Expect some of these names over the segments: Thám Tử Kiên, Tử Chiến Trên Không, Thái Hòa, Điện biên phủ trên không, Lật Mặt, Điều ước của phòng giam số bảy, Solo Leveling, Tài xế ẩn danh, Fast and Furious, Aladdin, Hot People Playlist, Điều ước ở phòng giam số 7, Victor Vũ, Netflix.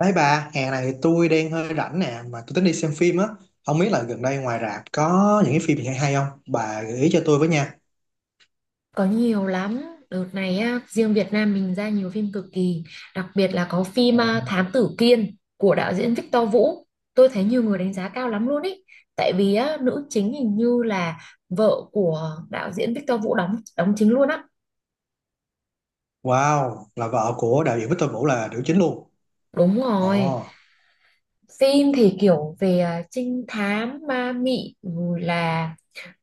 Đấy bà, hè này tôi đang hơi rảnh nè, mà tôi tính đi xem phim á. Không biết là gần đây ngoài rạp có những cái phim gì hay hay không? Bà gợi ý cho tôi với nha. Có nhiều lắm. Đợt này á, riêng Việt Nam mình ra nhiều phim cực kỳ. Đặc biệt là có Ờ. phim Thám Tử Kiên của đạo diễn Victor Vũ. Tôi thấy nhiều người đánh giá cao lắm luôn ý. Tại vì á, nữ chính hình như là vợ của đạo diễn Victor Vũ đóng đóng chính luôn á. Wow, là vợ của đạo diễn Victor Vũ là nữ chính luôn. Đúng rồi. Ồ, Phim thì kiểu về trinh thám, ma mị, rồi là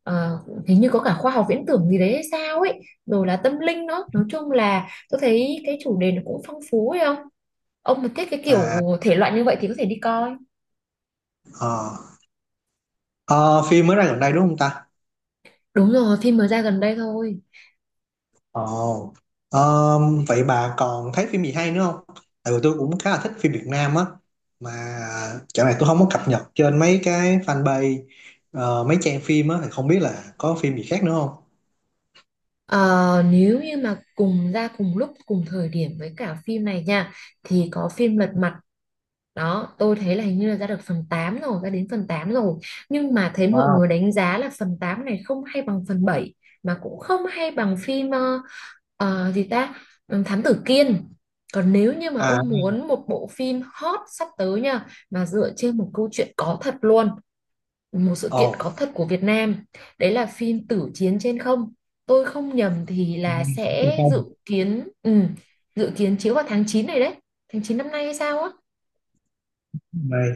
ờ, hình như có cả khoa học viễn tưởng gì đấy hay sao ấy. Rồi là tâm linh nữa. Nói chung là tôi thấy cái chủ đề nó cũng phong phú ấy không? Ông mà thích cái kiểu à, thể loại như vậy thì có thể đi coi. ờ. Ờ, phim mới ra gần đây đúng không ta? Đúng rồi, phim mới ra gần đây thôi. Ồ, ờ, vậy bà còn thấy phim gì hay nữa không? Tại vì tôi cũng khá là thích phim Việt Nam á. Mà dạo này tôi không có cập nhật trên mấy cái fanpage, mấy trang phim á, thì không biết là có phim gì khác nữa không? Ờ, nếu như mà cùng ra cùng lúc, cùng thời điểm với cả phim này nha, thì có phim Lật Mặt. Đó, tôi thấy là hình như là ra được phần 8 rồi, ra đến phần 8 rồi. Nhưng mà thấy mọi Wow. người đánh giá là phần 8 này không hay bằng phần 7, mà cũng không hay bằng phim gì ta, Ừ, Thám Tử Kiên. Còn nếu như mà À. ông muốn một bộ phim hot sắp tới nha, mà dựa trên một câu chuyện có thật luôn, một sự Ồ, kiện có thật của Việt Nam, đấy là phim Tử Chiến Trên Không. Tôi không nhầm thì là trên sẽ dự không kiến, dự kiến chiếu vào tháng 9 này đấy, tháng 9 năm nay hay sao á. này,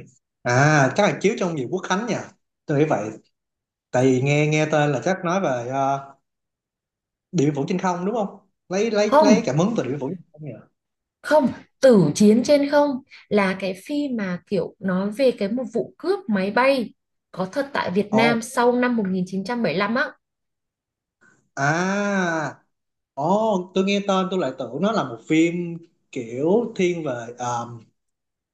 à chắc là chiếu trong dịp Quốc Khánh nha, tôi nghĩ vậy. Tại vì nghe nghe tên là chắc nói về Điện Biên Phủ trên không đúng không, lấy lấy Không, lấy cảm hứng từ Điện Biên Phủ trên không nhỉ. không, Tử Chiến Trên Không là cái phim mà kiểu nói về cái một vụ cướp máy bay có thật tại Việt Ồ, Nam sau năm 1975 á. à, ồ, tôi nghe tên tôi lại tưởng nó là một phim kiểu thiên về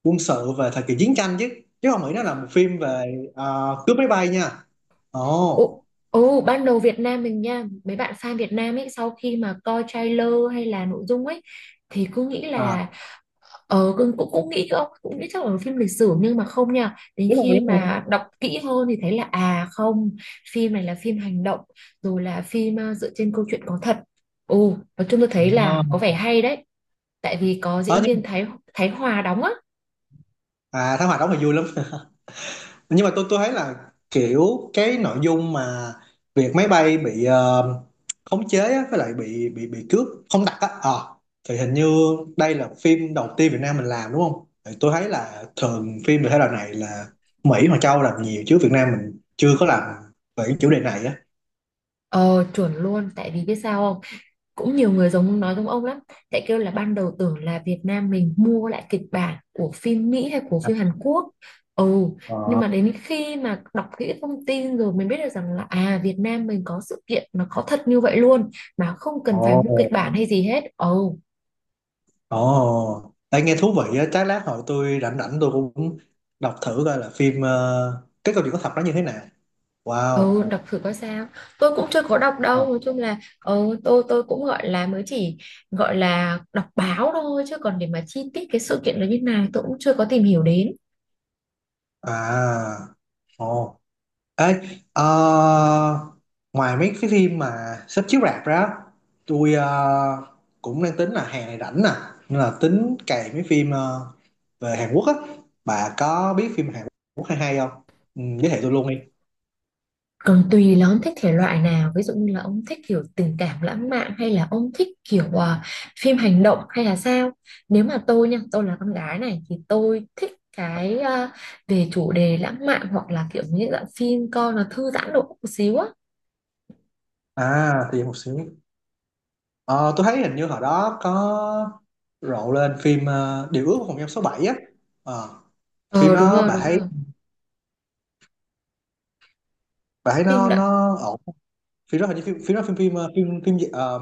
quân sự về thời kỳ chiến tranh chứ, chứ không nghĩ nó là một phim về cướp máy bay nha. Ồ. Ồ, ồ, ban đầu Việt Nam mình nha, mấy bạn fan Việt Nam ấy sau khi mà coi trailer hay là nội dung ấy thì cứ nghĩ À, là, ờ, cũng, cũng cũng nghĩ, không cũng nghĩ chắc là phim lịch sử, nhưng mà không nha, đến đúng rồi, khi đúng rồi. mà đọc kỹ hơn thì thấy là à không, phim này là phim hành động, rồi là phim dựa trên câu chuyện có thật. Ồ nói chung tôi thấy Ờ. là có vẻ hay đấy, tại vì có Ờ, diễn nhưng mà- viên Thái Thái Hòa đóng á. à, Thám hoạt đóng thì vui lắm, nhưng mà tôi thấy là kiểu cái nội dung mà việc máy bay bị khống chế á, với lại bị cướp không đặt á, thì hình như đây là phim đầu tiên Việt Nam mình làm đúng không. Thì tôi thấy là thường phim về thể loại này là Mỹ hoặc châu làm nhiều, chứ Việt Nam mình chưa có làm về cái chủ đề này á. Ờ chuẩn luôn, tại vì biết sao không, cũng nhiều người giống nói giống ông lắm, tại kêu là ban đầu tưởng là Việt Nam mình mua lại kịch bản của phim Mỹ hay của À, phim Hàn Quốc. Ừ, nhưng ờ, mà đến khi mà đọc kỹ thông tin rồi mình biết được rằng là à, Việt Nam mình có sự kiện nó có thật như vậy luôn mà không cần phải ồ. mua kịch bản hay gì hết. Ừ, Ồ đây nghe thú vị á, chắc lát hồi tôi rảnh rảnh tôi cũng đọc thử coi là phim cái câu chuyện có thật đó như thế nào. Wow. ừ, đọc thử coi sao. Tôi cũng chưa có đọc đâu, nói chung là ừ, tôi cũng gọi là mới chỉ gọi là đọc báo thôi, chứ còn để mà chi tiết cái sự kiện nó như nào tôi cũng chưa có tìm hiểu đến. À, ồ, ê, ờ, ngoài mấy cái phim mà sắp chiếu rạp ra, tôi cũng đang tính là hè này rảnh nè, nên là tính cày mấy phim về Hàn Quốc á. Bà có biết phim Hàn Quốc hay hay không, ừ, giới thiệu tôi luôn đi. Còn tùy là ông thích thể loại nào, ví dụ như là ông thích kiểu tình cảm lãng mạn hay là ông thích kiểu phim hành động hay là sao. Nếu mà tôi nha, tôi là con gái này thì tôi thích cái về chủ đề lãng mạn, hoặc là kiểu như dạng phim coi nó thư giãn độ một xíu á. À thì một xíu. Ờ, tôi thấy hình như hồi đó có rộ lên phim Điều ước của phòng giam số bảy á. Ờ, phim Ờ đúng đó rồi, bà đúng thấy, rồi, bà thấy phim nó đó. nó ổn? Phim đó hình như phim phim đó phim phim phim phim gì? Ờ,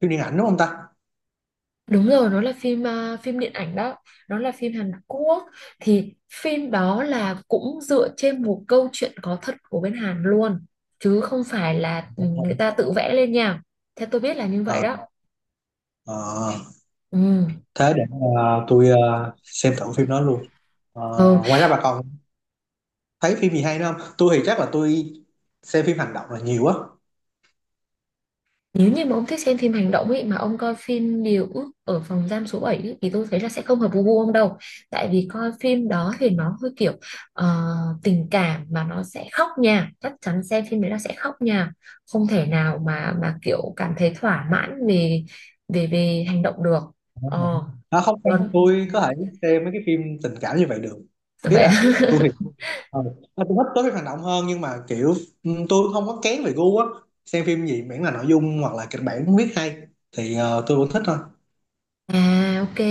phim điện ảnh đúng không ta. Đúng rồi, nó là phim phim điện ảnh đó, nó là phim Hàn Quốc. Thì phim đó là cũng dựa trên một câu chuyện có thật của bên Hàn luôn, chứ không phải là ừ, Đúng rồi. người ta tự vẽ lên nha. Theo tôi biết là như vậy Ờ, đó. ờ, Ừ. thế để tôi xem thử phim đó luôn. Ờ, Ừ. ngoài ra bà còn thấy phim gì hay nữa không? Tôi thì chắc là tôi xem phim hành động là nhiều á. Nếu như mà ông thích xem phim hành động ấy mà ông coi phim Điều ước ở phòng giam số 7 ấy, thì tôi thấy là sẽ không hợp với gu ông đâu. Tại vì coi phim đó thì nó hơi kiểu ờ, tình cảm mà nó sẽ khóc nha. Chắc chắn xem phim đấy là sẽ khóc nha. Không thể nào mà kiểu cảm thấy thỏa mãn về về về hành động được. Đúng rồi. Ờ, À, không còn em- tôi có thể xem mấy cái phim tình cảm như vậy được. Ý vậy là tôi thì ờ, à, tôi thích tối phim hành động hơn, nhưng mà kiểu ừ, tôi không có kén về gu á, xem phim gì miễn là nội dung hoặc là kịch bản viết hay thì tôi vẫn thích thôi. À ok,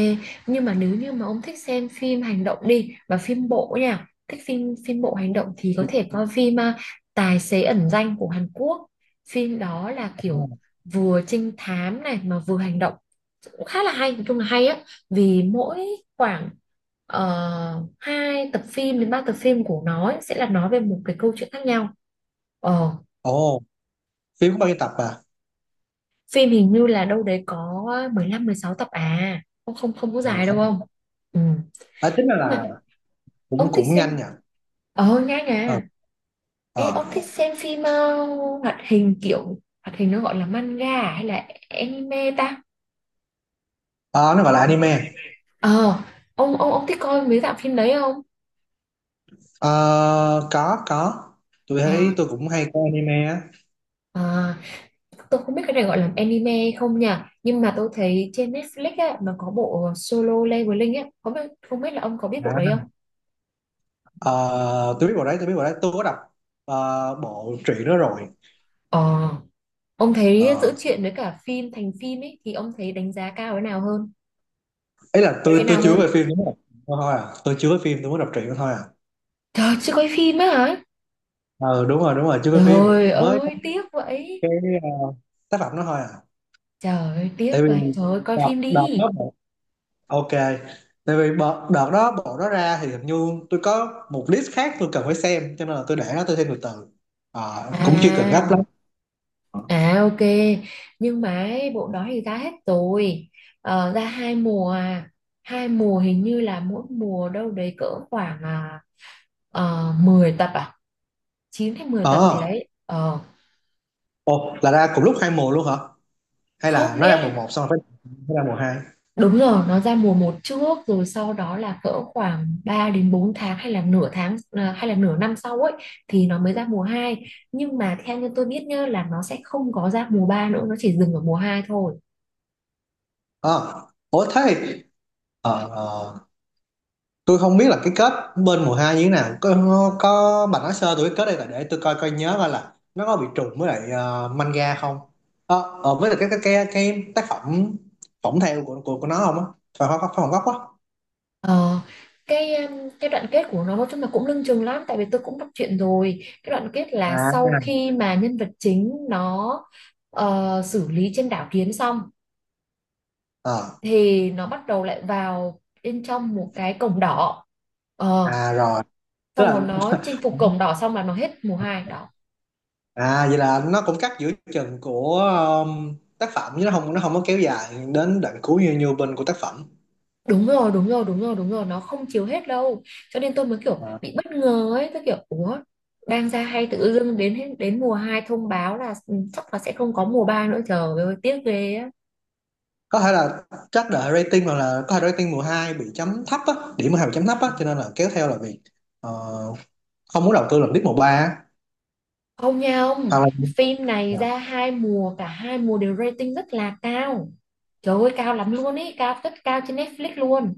nhưng mà nếu như mà ông thích xem phim hành động đi và phim bộ nha, thích phim phim bộ hành động thì có Phim thể coi phim Tài xế ẩn danh của Hàn Quốc. Phim đó là cũng, kiểu vừa trinh thám này mà vừa hành động. Cũng khá là hay, nói chung là hay á, vì mỗi khoảng 2 tập phim đến 3 tập phim của nó ấy, sẽ là nói về một cái câu chuyện khác nhau. Ờ, ồ phim có bao nhiêu tập à, phim hình như là đâu đấy có mười lăm mười sáu tập à. Không không, không có ờ, được dài đâu sống à. không? Ừ. À, tính ra Ủa mà là ông cũng thích cũng xem nhanh nhỉ. ờ nghe Ờ, à Ê, ờ. ông thích xem phim hoạt hình, kiểu hoạt hình nó gọi là manga à hay là anime ta? Ờ, nó Ờ, gọi là nó gọi là anime. anime. Ờ, ông thích coi mấy dạng phim đấy không? Ờ, có tôi ờ thấy tôi cũng hay coi anime á. ờ, tôi không biết cái này gọi là anime không nhỉ, nhưng mà tôi thấy trên Netflix á nó có bộ Solo Leveling á, không biết, không biết là ông có biết À. bộ đấy không. Ờ, tôi biết bộ đấy tôi có đọc ờ, bộ truyện đó rồi. Ờ, ông thấy giữa Ờ, truyện với cả phim thành phim ấy thì ông thấy đánh giá cao cái nào hơn, ấy là cái tôi nào chưa hơn? về phim đúng không. Ờ, thôi à tôi chưa về phim, tôi muốn đọc truyện đó thôi à. Trời chưa coi phim á hả? Ờ đúng rồi, đúng rồi, chưa về phim, Trời mới có ơi tiếc vậy. cái ờ, tác phẩm đó thôi à. Trời ơi tiếc Tại vì vậy. Trời ơi coi đọc, phim đọc đi. nó Ok, tại vì bộ, đợt đó bộ đó ra thì hình như tôi có một list khác tôi cần phải xem, cho nên là tôi để nó tôi thêm từ từ. Ờ, cũng chưa cần gấp lắm. À, à ok. Nhưng mà ấy, bộ đó thì ra hết rồi. Ờ, ra hai mùa à. Hai mùa hình như là mỗi mùa đâu đấy cỡ khoảng 10 tập à, 9 hay mười tập gì Ờ, đấy ờ, ồ là ra cùng lúc hai mùa luôn hả, hay là không nó nghĩa ra mùa một là, xong rồi phải phải ra mùa hai. đúng rồi, nó ra mùa một trước, rồi sau đó là cỡ khoảng 3 đến 4 tháng hay là nửa tháng à, hay là nửa năm sau ấy, thì nó mới ra mùa hai. Nhưng mà theo như tôi biết nhá là nó sẽ không có ra mùa 3 nữa, nó chỉ dừng ở mùa hai thôi. Ờ, ủa thế thì, ờ, ờ, tôi không biết là cái kết bên mùa hai như thế nào. Có bà nói sơ tôi cái kết đây, là để tôi coi coi nhớ coi là nó có bị trùng với lại manga không. Ờ ờ, với lại cái tác phẩm phỏng theo của nó không á, phải không gốc á. Ờ, cái đoạn kết của nó nói chung là cũng lưng chừng lắm, tại vì tôi cũng đọc truyện rồi. Cái đoạn kết là sau À, khi mà nhân vật chính nó xử lý trên đảo Kiến xong ờ, thì nó bắt đầu lại vào bên trong một cái cổng đỏ. Ờ à rồi, tức xong là rồi nó chinh phục cổng đỏ xong là nó hết mùa hai đó. à vậy là nó cũng cắt giữa chừng của tác phẩm, chứ nó không có kéo dài đến đoạn cuối như như bên của tác phẩm. Đúng rồi, đúng rồi, đúng rồi, đúng rồi, nó không chiếu hết đâu, cho nên tôi mới kiểu bị bất ngờ ấy, tôi kiểu ủa đang ra hay tự dưng đến hết- đến mùa 2 thông báo là ừ, chắc là sẽ không có mùa 3 nữa, trời ơi tiếc ghê á. Có thể là chắc đợi rating, hoặc là có thể rating mùa 2 bị chấm thấp á, điểm mùa 2 bị chấm thấp á, cho nên là kéo theo là việc ờ, không muốn đầu tư lần tiếp mùa ba á, Không nha ông, hoặc là phim này dạ, ra hai mùa, cả hai mùa đều rating rất là cao, trời ơi cao lắm luôn ấy, cao rất cao trên Netflix luôn.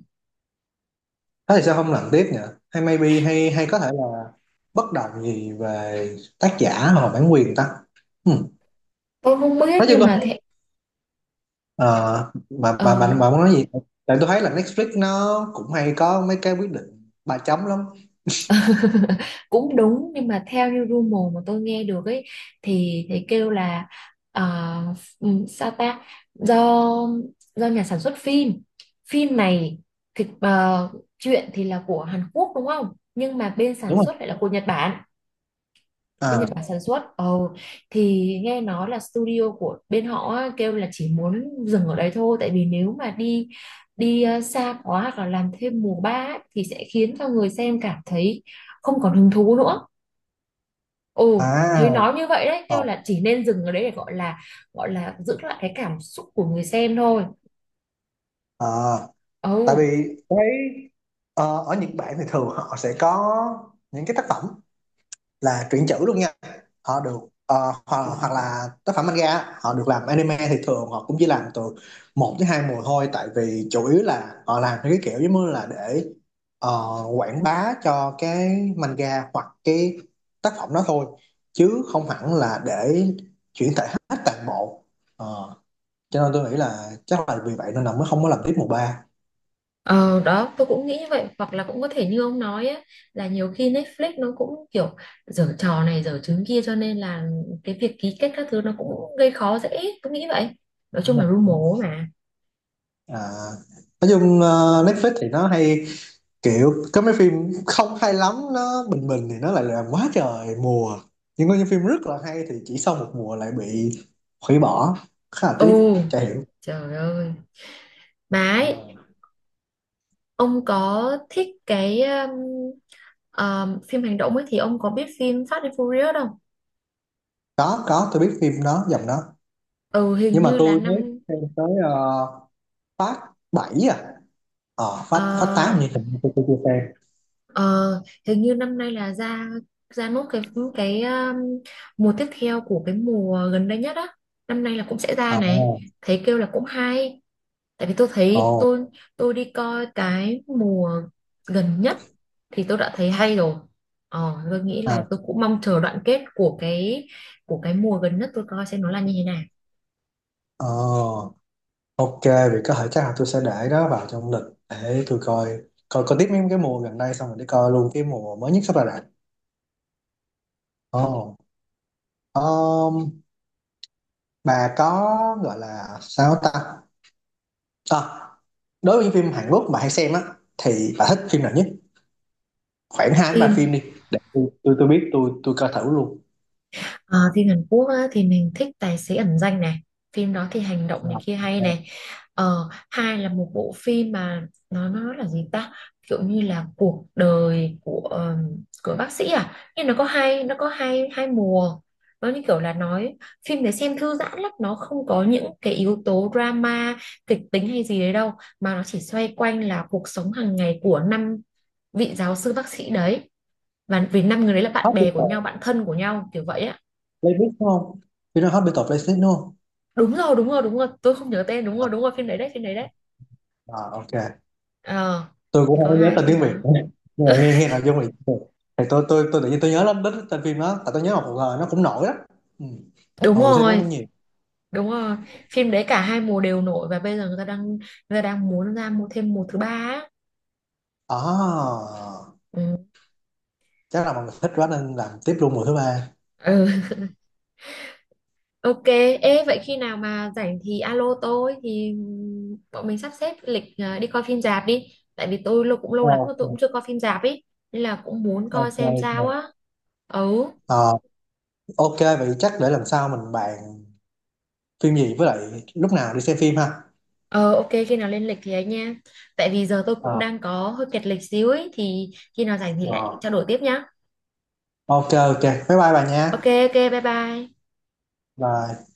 thế thì sao không làm tiếp nhỉ, hay maybe hay hay có thể là bất đồng gì về tác giả hoặc là bản quyền ta. Ừ. Tôi không biết Nói chung nhưng là mà thế. ờ, bà Ờ bà bà bà muốn nói gì, tại tôi thấy là Netflix nó cũng hay có mấy cái quyết định ba chấm lắm, cũng đúng nhưng mà theo như rumor mà tôi nghe được ấy, thì kêu là ờ, sao ta, do do nhà sản xuất phim, phim này thì chuyện thì là của Hàn Quốc đúng không, nhưng mà bên sản đúng xuất không. lại là của Nhật Bản. Bên À, Nhật Bản sản xuất ồ, thì nghe nói là studio của bên họ á, kêu là chỉ muốn dừng ở đấy thôi, tại vì nếu mà đi đi xa quá hoặc là làm thêm mùa ba ấy, thì sẽ khiến cho người xem cảm thấy không còn hứng thú nữa. Ồ, thấy à, nói như vậy đấy, ờ, kêu là chỉ nên dừng ở đấy để gọi là giữ lại cái cảm xúc của người xem thôi. ờ. Ồ, Tại vì tôi thấy, ờ, ở Nhật Bản thì thường họ sẽ có những cái tác phẩm là truyện chữ luôn nha, họ được ờ, hoặc là tác phẩm manga họ được làm anime, thì thường họ cũng chỉ làm từ một tới hai mùa thôi, tại vì chủ yếu là họ làm theo cái kiểu giống như là để ờ, quảng bá cho cái manga hoặc cái tác phẩm đó thôi, chứ không hẳn là để chuyển thể hết toàn bộ. Ờ, cho nên tôi nghĩ là chắc là vì vậy nên là mới không có làm tiếp mùa ba. ờ, đó, tôi cũng nghĩ như vậy, hoặc là cũng có thể như ông nói á, là nhiều khi Netflix nó cũng kiểu giở trò này giở trứng kia, cho nên là cái việc ký kết các thứ nó cũng gây khó dễ, tôi nghĩ vậy. Nói chung là Đúng lu rồi. mố mà. À, nói chung ờ, Netflix thì nó hay kiểu có mấy phim không hay lắm nó bình bình thì nó lại làm quá trời mùa, nhưng có những phim rất là hay thì chỉ sau một mùa lại bị hủy bỏ, khá là tiếc Ồ, chả hiểu. trời ơi. Mà Ờ. ấy, ông có thích cái phim hành động ấy thì ông có biết phim Fast and Furious không? Có tôi biết phim đó dòng đó, Ừ, hình nhưng mà như là tôi mới năm. xem tới phát 7 à. Ờ, phát phát 8 Ờ, như tôi chưa xem. ờ, hình như năm nay là ra ra nốt cái mùa tiếp theo của cái mùa gần đây nhất á, năm nay là cũng sẽ ra Ờ, này. Thấy kêu là cũng hay, tại vì tôi ồ, thấy tôi đi coi cái mùa gần nhất thì tôi đã thấy hay rồi. Ờ, tôi nghĩ là à, tôi cũng mong chờ đoạn kết của cái, của cái mùa gần nhất tôi coi xem nó là như thế nào. ờ. Ok, vậy có thể chắc là tôi sẽ để đó vào trong lịch để tôi coi, coi coi tiếp mấy cái mùa gần đây xong rồi để coi luôn cái mùa mới nhất sắp ra rạp. Ồ, um, bà có gọi là sao ta? À, đối với những phim Hàn Quốc mà hay xem á thì bà thích phim nào nhất? Khoảng hai đến ba Thì, phim đi, để tôi biết tôi coi thử luôn. ờ, phim Hàn Quốc á, thì mình thích Tài xế ẩn danh này, phim đó thì hành động này À, kia hay ok. này. Ờ, hai là một bộ phim mà nó là gì ta, kiểu như là cuộc đời của của bác sĩ à, nhưng nó có hai, nó có hai hai mùa. Nó như kiểu là nói, phim để xem thư giãn lắm, nó không có những cái yếu tố drama kịch tính hay gì đấy đâu, mà nó chỉ xoay quanh là cuộc sống hàng ngày của năm vị giáo sư bác sĩ đấy, và vì năm người đấy là bạn Hot bè của nhau, People bạn thân của nhau kiểu vậy á. Playlist đúng không? Phim đó Hot People Playlist đúng không? Đúng rồi, đúng rồi, đúng rồi, tôi không nhớ tên, đúng rồi, À, đúng rồi, phim đấy đấy, phim đấy đấy. à, ok. Ờ Tôi thì cũng có không nhớ hai tên phim tiếng Việt đó. nữa, nhưng mà nghe nghe nội dung thì tôi tự nhiên tôi nhớ lắm đến tên phim đó, tại tôi nhớ một hồi nó cũng nổi đó. Ừ. Đúng Mà mùa xem nó rồi, cũng nhiều. đúng rồi, phim đấy cả hai mùa đều nổi, và bây giờ người ta đang muốn ra mua thêm mùa thứ ba á. À, Ừ. chắc là mọi người thích quá nên làm tiếp luôn mùa thứ ba. Ừ. Ok. Ê vậy khi nào mà rảnh thì alo tôi, thì bọn mình sắp xếp lịch đi coi phim rạp đi, tại vì tôi lâu cũng lâu Ờ, lắm rồi tôi cũng chưa coi phim rạp ấy, nên là cũng muốn coi ok xem ok. sao á. Ừ. Ờ, ok vậy chắc để lần sau mình bàn phim gì với lại lúc nào đi xem phim ha. Ờ ok, khi nào lên lịch thì ấy nha. Tại vì giờ tôi cũng Ờ, đang có hơi kẹt lịch xíu ấy. Thì khi nào rảnh thì lại ờ. trao đổi tiếp nhá. Ok ok, bye bye bà nha. Ok ok bye bye. Bye.